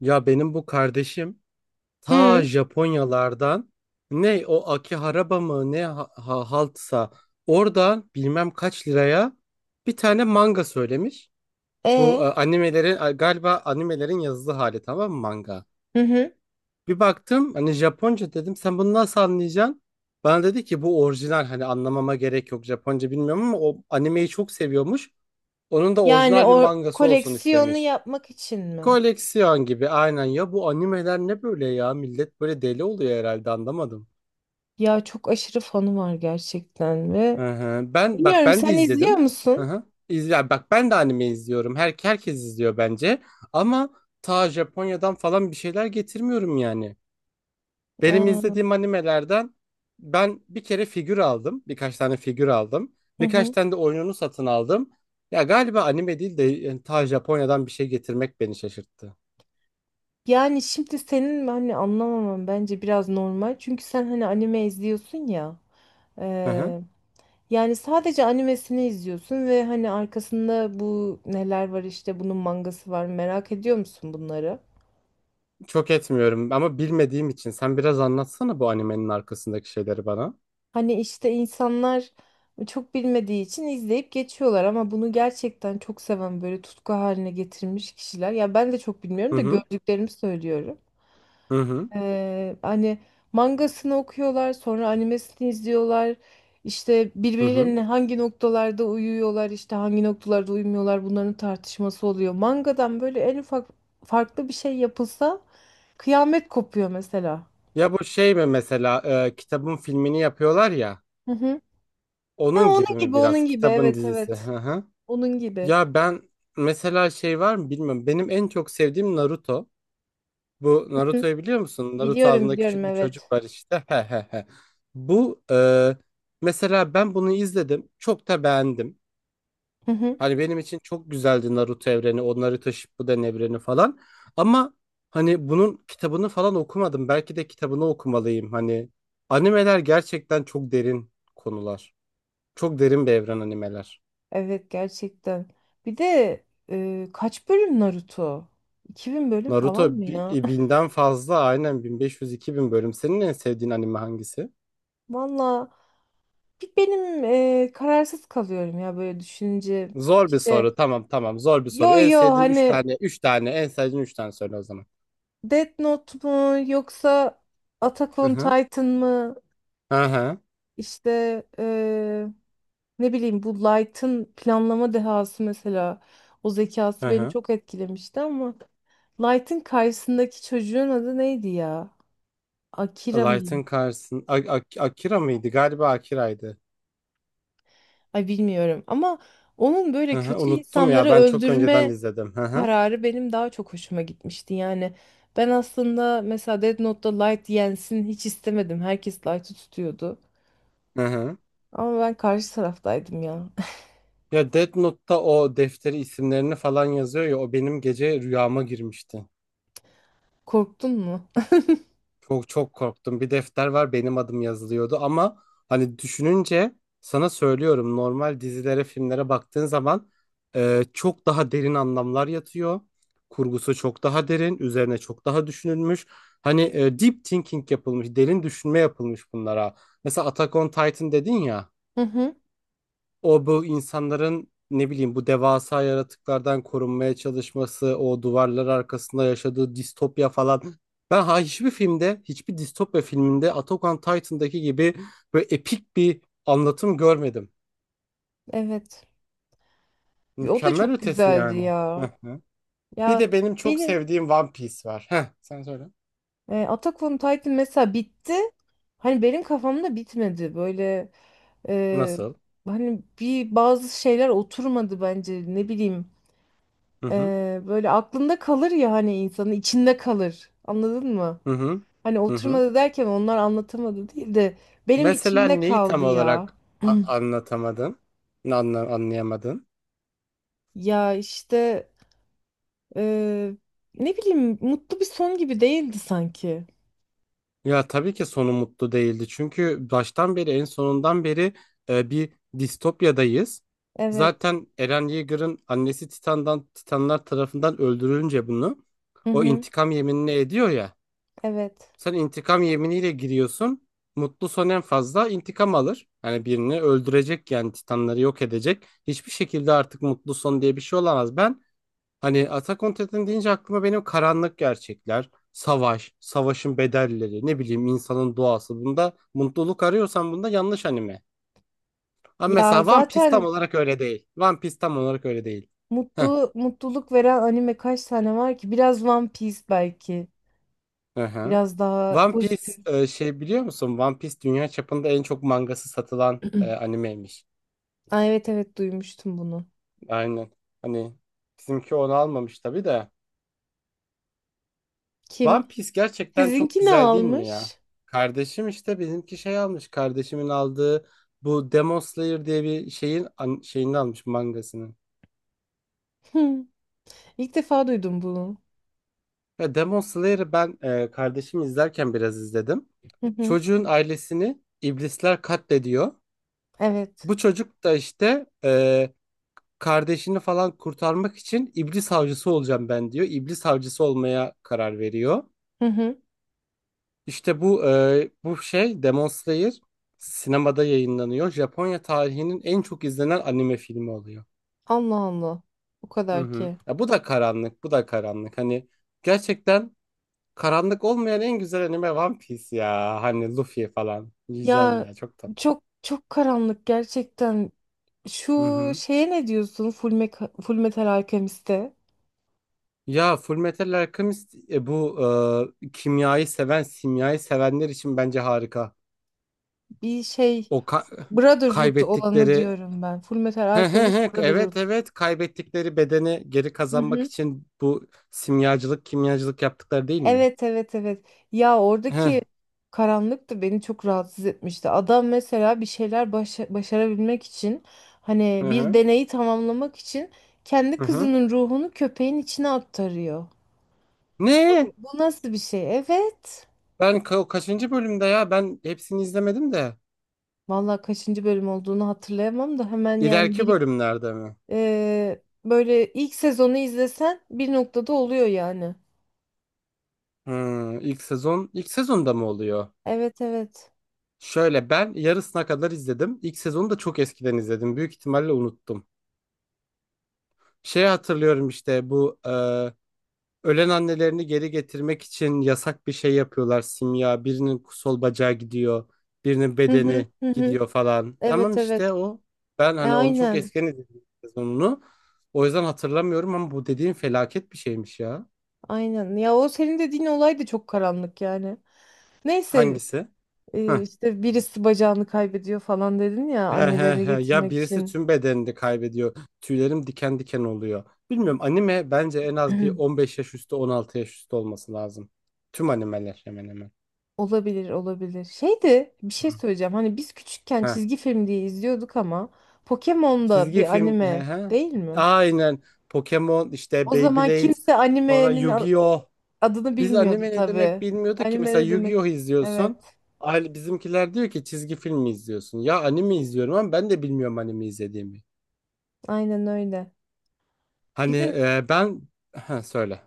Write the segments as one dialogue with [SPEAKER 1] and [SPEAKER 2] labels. [SPEAKER 1] Ya benim bu kardeşim
[SPEAKER 2] Hı.
[SPEAKER 1] ta Japonyalardan, ne o Akihabara mı ne, haltsa oradan bilmem kaç liraya bir tane manga söylemiş. Bu
[SPEAKER 2] E.
[SPEAKER 1] animelerin, galiba animelerin yazılı hali, tamam mı, manga?
[SPEAKER 2] Hı hı.
[SPEAKER 1] Bir baktım, hani Japonca, dedim sen bunu nasıl anlayacaksın? Bana dedi ki bu orijinal, hani anlamama gerek yok, Japonca bilmiyorum ama o animeyi çok seviyormuş. Onun da
[SPEAKER 2] Yani
[SPEAKER 1] orijinal bir
[SPEAKER 2] o
[SPEAKER 1] mangası olsun
[SPEAKER 2] koleksiyonu
[SPEAKER 1] istemiş.
[SPEAKER 2] yapmak için mi?
[SPEAKER 1] Koleksiyon gibi aynen ya, bu animeler ne böyle ya, millet böyle deli oluyor herhalde, anlamadım.
[SPEAKER 2] Ya çok aşırı fanı var gerçekten ve
[SPEAKER 1] Hı hı. Ben bak,
[SPEAKER 2] bilmiyorum,
[SPEAKER 1] ben de
[SPEAKER 2] sen izliyor
[SPEAKER 1] izledim. Hı
[SPEAKER 2] musun?
[SPEAKER 1] hı. İzle, bak ben de anime izliyorum. Herkes izliyor bence. Ama ta Japonya'dan falan bir şeyler getirmiyorum yani. Benim
[SPEAKER 2] Ee,
[SPEAKER 1] izlediğim animelerden ben bir kere figür aldım. Birkaç tane figür aldım.
[SPEAKER 2] hı
[SPEAKER 1] Birkaç
[SPEAKER 2] hı.
[SPEAKER 1] tane de oyununu satın aldım. Ya galiba anime değil de, yani ta Japonya'dan bir şey getirmek beni şaşırttı.
[SPEAKER 2] Yani şimdi senin hani anlamamam bence biraz normal. Çünkü sen hani anime izliyorsun ya.
[SPEAKER 1] Hı hı.
[SPEAKER 2] Ee, yani sadece animesini izliyorsun ve hani arkasında bu neler var, işte bunun mangası var, merak ediyor musun bunları?
[SPEAKER 1] Çok etmiyorum ama bilmediğim için sen biraz anlatsana bu animenin arkasındaki şeyleri bana.
[SPEAKER 2] Hani işte insanlar çok bilmediği için izleyip geçiyorlar ama bunu gerçekten çok seven, böyle tutku haline getirmiş kişiler. Ya ben de çok bilmiyorum
[SPEAKER 1] Hı
[SPEAKER 2] da
[SPEAKER 1] hı,
[SPEAKER 2] gördüklerimi söylüyorum.
[SPEAKER 1] hı hı,
[SPEAKER 2] Hani mangasını okuyorlar, sonra animesini izliyorlar. İşte
[SPEAKER 1] hı hı.
[SPEAKER 2] birbirlerine hangi noktalarda uyuyorlar, işte hangi noktalarda uyumuyorlar, bunların tartışması oluyor. Mangadan böyle en ufak farklı bir şey yapılsa kıyamet kopuyor mesela.
[SPEAKER 1] Ya bu şey mi mesela, kitabın filmini yapıyorlar ya,
[SPEAKER 2] Hı hı. Ha,
[SPEAKER 1] onun
[SPEAKER 2] onun
[SPEAKER 1] gibi mi
[SPEAKER 2] gibi,
[SPEAKER 1] biraz,
[SPEAKER 2] onun gibi,
[SPEAKER 1] kitabın
[SPEAKER 2] evet
[SPEAKER 1] dizisi?
[SPEAKER 2] evet.
[SPEAKER 1] Hı hı.
[SPEAKER 2] Onun gibi.
[SPEAKER 1] Ya ben mesela şey var mı bilmiyorum. Benim en çok sevdiğim Naruto. Bu
[SPEAKER 2] Hı.
[SPEAKER 1] Naruto'yu biliyor musun? Naruto
[SPEAKER 2] Biliyorum
[SPEAKER 1] adında
[SPEAKER 2] biliyorum,
[SPEAKER 1] küçük bir
[SPEAKER 2] evet.
[SPEAKER 1] çocuk var işte. He he he. Bu mesela ben bunu izledim. Çok da beğendim.
[SPEAKER 2] Hı hı.
[SPEAKER 1] Hani benim için çok güzeldi Naruto evreni, o Naruto Shippuden evreni falan. Ama hani bunun kitabını falan okumadım. Belki de kitabını okumalıyım. Hani animeler gerçekten çok derin konular. Çok derin bir evren animeler.
[SPEAKER 2] Evet gerçekten. Bir de kaç bölüm Naruto? 2000 bölüm falan
[SPEAKER 1] Naruto
[SPEAKER 2] mı ya?
[SPEAKER 1] 1.000'den fazla, aynen 1.500, 2.000 bölüm. Senin en sevdiğin anime hangisi?
[SPEAKER 2] Valla bir benim kararsız kalıyorum ya böyle düşününce.
[SPEAKER 1] Zor bir
[SPEAKER 2] İşte
[SPEAKER 1] soru. Tamam tamam, zor bir soru.
[SPEAKER 2] yo
[SPEAKER 1] En
[SPEAKER 2] yo,
[SPEAKER 1] sevdiğin
[SPEAKER 2] hani
[SPEAKER 1] 3 tane, 3 tane, en sevdiğin 3 tane söyle o zaman.
[SPEAKER 2] Death Note mu yoksa Attack
[SPEAKER 1] Hı
[SPEAKER 2] on
[SPEAKER 1] hı.
[SPEAKER 2] Titan mı?
[SPEAKER 1] Hı hı.
[SPEAKER 2] İşte ne bileyim, bu Light'ın planlama dehası mesela, o
[SPEAKER 1] Hı
[SPEAKER 2] zekası beni
[SPEAKER 1] hı.
[SPEAKER 2] çok etkilemişti ama Light'ın karşısındaki çocuğun adı neydi ya? Akira mıydı?
[SPEAKER 1] Light'ın karşısında Akira mıydı? Galiba Akira'ydı.
[SPEAKER 2] Ay bilmiyorum ama onun böyle
[SPEAKER 1] Hı hı,
[SPEAKER 2] kötü
[SPEAKER 1] unuttum
[SPEAKER 2] insanları
[SPEAKER 1] ya, ben çok önceden
[SPEAKER 2] öldürme
[SPEAKER 1] izledim. Hı hı.
[SPEAKER 2] kararı benim daha çok hoşuma gitmişti. Yani ben aslında mesela Death Note'da Light yensin hiç istemedim. Herkes Light'ı tutuyordu.
[SPEAKER 1] Hı hı.
[SPEAKER 2] Ama ben karşı taraftaydım ya.
[SPEAKER 1] Ya Death Note'ta o defteri, isimlerini falan yazıyor ya, o benim gece rüyama girmişti.
[SPEAKER 2] Korktun mu?
[SPEAKER 1] Çok çok korktum. Bir defter var, benim adım yazılıyordu ama hani düşününce sana söylüyorum, normal dizilere, filmlere baktığın zaman çok daha derin anlamlar yatıyor. Kurgusu çok daha derin, üzerine çok daha düşünülmüş. Hani deep thinking yapılmış, derin düşünme yapılmış bunlara. Mesela Attack on Titan dedin ya.
[SPEAKER 2] Hı hı.
[SPEAKER 1] O, bu insanların, ne bileyim, bu devasa yaratıklardan korunmaya çalışması, o duvarlar arkasında yaşadığı distopya falan. Ben ha hiçbir filmde, hiçbir distopya filminde Attack on Titan'daki gibi böyle epik bir anlatım görmedim.
[SPEAKER 2] Evet. O da
[SPEAKER 1] Mükemmel
[SPEAKER 2] çok
[SPEAKER 1] ötesi
[SPEAKER 2] güzeldi
[SPEAKER 1] yani.
[SPEAKER 2] ya.
[SPEAKER 1] Hı hı. Bir
[SPEAKER 2] Ya
[SPEAKER 1] de benim çok
[SPEAKER 2] beni
[SPEAKER 1] sevdiğim One Piece var. Heh, sen söyle.
[SPEAKER 2] Attack on Titan mesela bitti. Hani benim kafamda bitmedi. Böyle e,
[SPEAKER 1] Nasıl?
[SPEAKER 2] hani bir, bazı şeyler oturmadı bence. Ne bileyim.
[SPEAKER 1] Hı hı.
[SPEAKER 2] E, böyle aklında kalır ya, hani insanın içinde kalır. Anladın mı?
[SPEAKER 1] Hı hı.
[SPEAKER 2] Hani
[SPEAKER 1] Hı hı.
[SPEAKER 2] oturmadı derken onlar anlatamadı değil de benim
[SPEAKER 1] Mesela
[SPEAKER 2] içimde
[SPEAKER 1] neyi tam
[SPEAKER 2] kaldı ya.
[SPEAKER 1] olarak anlatamadın? Anlayamadın?
[SPEAKER 2] Ya işte e, ne bileyim, mutlu bir son gibi değildi sanki.
[SPEAKER 1] Ya tabii ki sonu mutlu değildi. Çünkü baştan beri, en sonundan beri bir distopyadayız.
[SPEAKER 2] Evet.
[SPEAKER 1] Zaten Eren Yeager'ın annesi Titanlar tarafından öldürülünce bunu
[SPEAKER 2] Hı
[SPEAKER 1] o
[SPEAKER 2] hı.
[SPEAKER 1] intikam yeminini ediyor ya.
[SPEAKER 2] Evet.
[SPEAKER 1] Sen intikam yeminiyle giriyorsun. Mutlu son en fazla intikam alır. Yani birini öldürecek, yani Titanları yok edecek. Hiçbir şekilde artık mutlu son diye bir şey olamaz. Ben hani Attack on Titan deyince aklıma benim karanlık gerçekler, savaş, savaşın bedelleri, ne bileyim, insanın doğası. Bunda mutluluk arıyorsan bunda yanlış anime. Ama
[SPEAKER 2] Ya
[SPEAKER 1] mesela One Piece tam
[SPEAKER 2] zaten
[SPEAKER 1] olarak öyle değil. One Piece tam olarak öyle değil. Heh,
[SPEAKER 2] mutlu, mutluluk veren anime kaç tane var ki? Biraz One Piece belki.
[SPEAKER 1] hı hı.
[SPEAKER 2] Biraz daha
[SPEAKER 1] One Piece,
[SPEAKER 2] pozitif.
[SPEAKER 1] şey biliyor musun? One Piece dünya çapında en çok mangası satılan animeymiş.
[SPEAKER 2] Aa, evet evet, duymuştum bunu.
[SPEAKER 1] Aynen. Hani bizimki onu almamış tabii de.
[SPEAKER 2] Kim?
[SPEAKER 1] One Piece gerçekten çok
[SPEAKER 2] Sizinki ne
[SPEAKER 1] güzel değil mi ya?
[SPEAKER 2] almış?
[SPEAKER 1] Kardeşim işte bizimki şey almış. Kardeşimin aldığı bu Demon Slayer diye bir şeyin şeyini almış, mangasını.
[SPEAKER 2] Hı, İlk defa duydum bunu.
[SPEAKER 1] Ya Demon Slayer'ı ben, kardeşim izlerken biraz izledim.
[SPEAKER 2] Hı hı.
[SPEAKER 1] Çocuğun ailesini iblisler katlediyor.
[SPEAKER 2] Evet.
[SPEAKER 1] Bu çocuk da işte kardeşini falan kurtarmak için iblis avcısı olacağım ben diyor. İblis avcısı olmaya karar veriyor.
[SPEAKER 2] Hı hı.
[SPEAKER 1] İşte bu şey Demon Slayer sinemada yayınlanıyor. Japonya tarihinin en çok izlenen anime filmi oluyor.
[SPEAKER 2] Allah Allah. O
[SPEAKER 1] Hı
[SPEAKER 2] kadar
[SPEAKER 1] hı.
[SPEAKER 2] ki.
[SPEAKER 1] Ya bu da karanlık, bu da karanlık. Hani gerçekten karanlık olmayan en güzel anime One Piece ya. Hani Luffy falan diyeceğim
[SPEAKER 2] Ya
[SPEAKER 1] ya, çok tatlı.
[SPEAKER 2] çok çok karanlık gerçekten.
[SPEAKER 1] Hı
[SPEAKER 2] Şu
[SPEAKER 1] hı.
[SPEAKER 2] şeye ne diyorsun? Full, Full Metal Alchemist'te
[SPEAKER 1] Ya Fullmetal Alchemist, bu kimyayı seven, simyayı sevenler için bence harika.
[SPEAKER 2] bir şey,
[SPEAKER 1] O ka-
[SPEAKER 2] Brotherhood olanı
[SPEAKER 1] kaybettikleri,
[SPEAKER 2] diyorum ben. Fullmetal
[SPEAKER 1] he he
[SPEAKER 2] Alchemist
[SPEAKER 1] he.
[SPEAKER 2] Brotherhood.
[SPEAKER 1] Evet evet, kaybettikleri bedeni geri
[SPEAKER 2] Hı
[SPEAKER 1] kazanmak
[SPEAKER 2] hı.
[SPEAKER 1] için bu simyacılık, kimyacılık yaptıkları değil mi?
[SPEAKER 2] Evet evet evet. Ya
[SPEAKER 1] He.
[SPEAKER 2] oradaki karanlık da beni çok rahatsız etmişti. Adam mesela bir şeyler başarabilmek için, hani
[SPEAKER 1] Hı
[SPEAKER 2] bir
[SPEAKER 1] hı.
[SPEAKER 2] deneyi tamamlamak için kendi
[SPEAKER 1] Hı hı.
[SPEAKER 2] kızının ruhunu köpeğin içine aktarıyor. Bu
[SPEAKER 1] Ne?
[SPEAKER 2] bu nasıl bir şey? Evet.
[SPEAKER 1] Ben kaçıncı bölümde ya? Ben hepsini izlemedim de.
[SPEAKER 2] Vallahi kaçıncı bölüm olduğunu hatırlayamam da hemen, yani
[SPEAKER 1] İleriki
[SPEAKER 2] bir
[SPEAKER 1] bölümlerde mi?
[SPEAKER 2] böyle ilk sezonu izlesen bir noktada oluyor yani.
[SPEAKER 1] Hı, ilk sezonda mı oluyor?
[SPEAKER 2] Evet evet.
[SPEAKER 1] Şöyle, ben yarısına kadar izledim. İlk sezonu da çok eskiden izledim. Büyük ihtimalle unuttum. Şey hatırlıyorum, işte bu ölen annelerini geri getirmek için yasak bir şey yapıyorlar, simya. Birinin sol bacağı gidiyor, birinin
[SPEAKER 2] Hı hı
[SPEAKER 1] bedeni
[SPEAKER 2] hı hı.
[SPEAKER 1] gidiyor falan. Tamam,
[SPEAKER 2] Evet evet.
[SPEAKER 1] işte o. Ben
[SPEAKER 2] E,
[SPEAKER 1] hani onu çok
[SPEAKER 2] aynen.
[SPEAKER 1] eskiden izledim sezonunu. O yüzden hatırlamıyorum ama bu dediğin felaket bir şeymiş ya.
[SPEAKER 2] Aynen. Ya o senin dediğin olay da çok karanlık yani. Neyse
[SPEAKER 1] Hangisi? Heh.
[SPEAKER 2] işte birisi bacağını kaybediyor falan dedin ya,
[SPEAKER 1] He he
[SPEAKER 2] annelerini
[SPEAKER 1] he. Ya
[SPEAKER 2] getirmek
[SPEAKER 1] birisi
[SPEAKER 2] için.
[SPEAKER 1] tüm bedenini kaybediyor. Tüylerim diken diken oluyor. Bilmiyorum, anime bence en az bir 15 yaş üstü, 16 yaş üstü olması lazım. Tüm animeler hemen hemen.
[SPEAKER 2] Olabilir olabilir. Şeydi, bir şey
[SPEAKER 1] Hı.
[SPEAKER 2] söyleyeceğim. Hani biz küçükken
[SPEAKER 1] He,
[SPEAKER 2] çizgi film diye izliyorduk ama Pokemon da
[SPEAKER 1] çizgi
[SPEAKER 2] bir
[SPEAKER 1] film.
[SPEAKER 2] anime
[SPEAKER 1] He he.
[SPEAKER 2] değil mi?
[SPEAKER 1] Aynen. Pokemon, işte
[SPEAKER 2] O zaman
[SPEAKER 1] Beyblade.
[SPEAKER 2] kimse
[SPEAKER 1] Sonra
[SPEAKER 2] animenin
[SPEAKER 1] Yu-Gi-Oh.
[SPEAKER 2] adını
[SPEAKER 1] Biz
[SPEAKER 2] bilmiyordu
[SPEAKER 1] anime ne demek
[SPEAKER 2] tabii.
[SPEAKER 1] bilmiyorduk ki.
[SPEAKER 2] Anime
[SPEAKER 1] Mesela
[SPEAKER 2] ne demek?
[SPEAKER 1] Yu-Gi-Oh izliyorsun.
[SPEAKER 2] Evet.
[SPEAKER 1] Aile, bizimkiler diyor ki çizgi film mi izliyorsun? Ya anime izliyorum ama ben de bilmiyorum anime izlediğimi.
[SPEAKER 2] Aynen öyle.
[SPEAKER 1] Hani
[SPEAKER 2] Bir de
[SPEAKER 1] ben. Ha, söyle.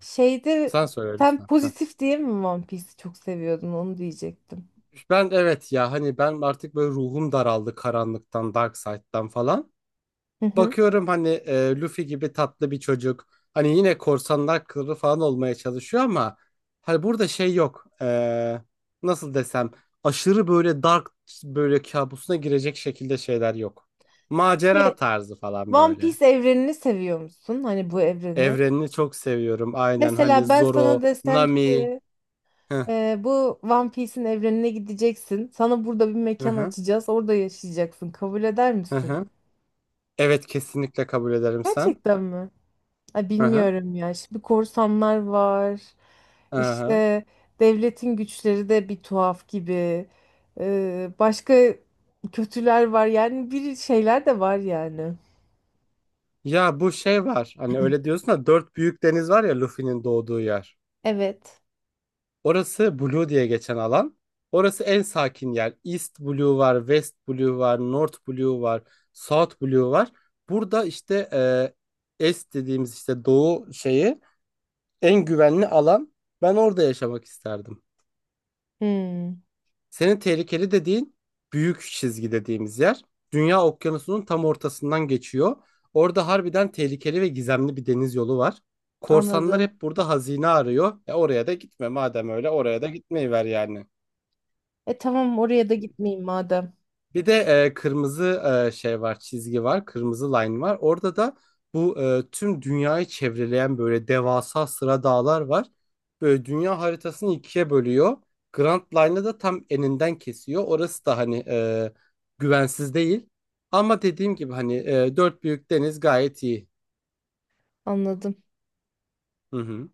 [SPEAKER 2] şeyde
[SPEAKER 1] Sen söyle
[SPEAKER 2] sen
[SPEAKER 1] lütfen. Heh.
[SPEAKER 2] pozitif diye mi One Piece'i çok seviyordun onu diyecektim.
[SPEAKER 1] Ben evet ya, hani ben artık böyle ruhum daraldı karanlıktan, Dark Side'dan falan.
[SPEAKER 2] Hı hı.
[SPEAKER 1] Bakıyorum hani Luffy gibi tatlı bir çocuk. Hani yine korsanlar kralı falan olmaya çalışıyor ama hani burada şey yok. E, nasıl desem, aşırı böyle dark, böyle kabusuna girecek şekilde şeyler yok. Macera
[SPEAKER 2] Ki
[SPEAKER 1] tarzı falan
[SPEAKER 2] One
[SPEAKER 1] böyle.
[SPEAKER 2] Piece evrenini seviyor musun? Hani bu evreni.
[SPEAKER 1] Evrenini çok seviyorum. Aynen, hani
[SPEAKER 2] Mesela ben
[SPEAKER 1] Zoro,
[SPEAKER 2] sana desem
[SPEAKER 1] Nami.
[SPEAKER 2] ki
[SPEAKER 1] Hı
[SPEAKER 2] bu One Piece'in evrenine gideceksin. Sana burada bir
[SPEAKER 1] hı
[SPEAKER 2] mekan
[SPEAKER 1] hı.
[SPEAKER 2] açacağız. Orada yaşayacaksın. Kabul eder
[SPEAKER 1] Hı
[SPEAKER 2] misin?
[SPEAKER 1] hı. Evet, kesinlikle kabul ederim sen.
[SPEAKER 2] Gerçekten mi? Ay
[SPEAKER 1] Hı hı.
[SPEAKER 2] bilmiyorum ya. Şimdi korsanlar var.
[SPEAKER 1] Hı hı.
[SPEAKER 2] İşte devletin güçleri de bir tuhaf gibi. Başka kötüler var. Yani bir şeyler de var yani.
[SPEAKER 1] Ya bu şey var. Hani öyle diyorsun da, dört büyük deniz var ya, Luffy'nin doğduğu yer.
[SPEAKER 2] Evet.
[SPEAKER 1] Orası Blue diye geçen alan. Orası en sakin yer. East Blue var, West Blue var, North Blue var, South Blue var. Burada işte Est dediğimiz, işte doğu şeyi, en güvenli alan. Ben orada yaşamak isterdim.
[SPEAKER 2] Hmm,
[SPEAKER 1] Senin tehlikeli dediğin büyük çizgi dediğimiz yer. Dünya okyanusunun tam ortasından geçiyor. Orada harbiden tehlikeli ve gizemli bir deniz yolu var. Korsanlar
[SPEAKER 2] anladım.
[SPEAKER 1] hep burada hazine arıyor. E, oraya da gitme madem, öyle oraya da gitmeyiver yani.
[SPEAKER 2] E tamam, oraya da gitmeyeyim madem.
[SPEAKER 1] Bir de kırmızı, şey var, çizgi var, kırmızı line var. Orada da bu tüm dünyayı çevreleyen böyle devasa sıra dağlar var. Böyle dünya haritasını ikiye bölüyor. Grand Line'ı da tam eninden kesiyor. Orası da hani güvensiz değil. Ama dediğim gibi hani dört büyük deniz gayet iyi.
[SPEAKER 2] Anladım.
[SPEAKER 1] Hı hı.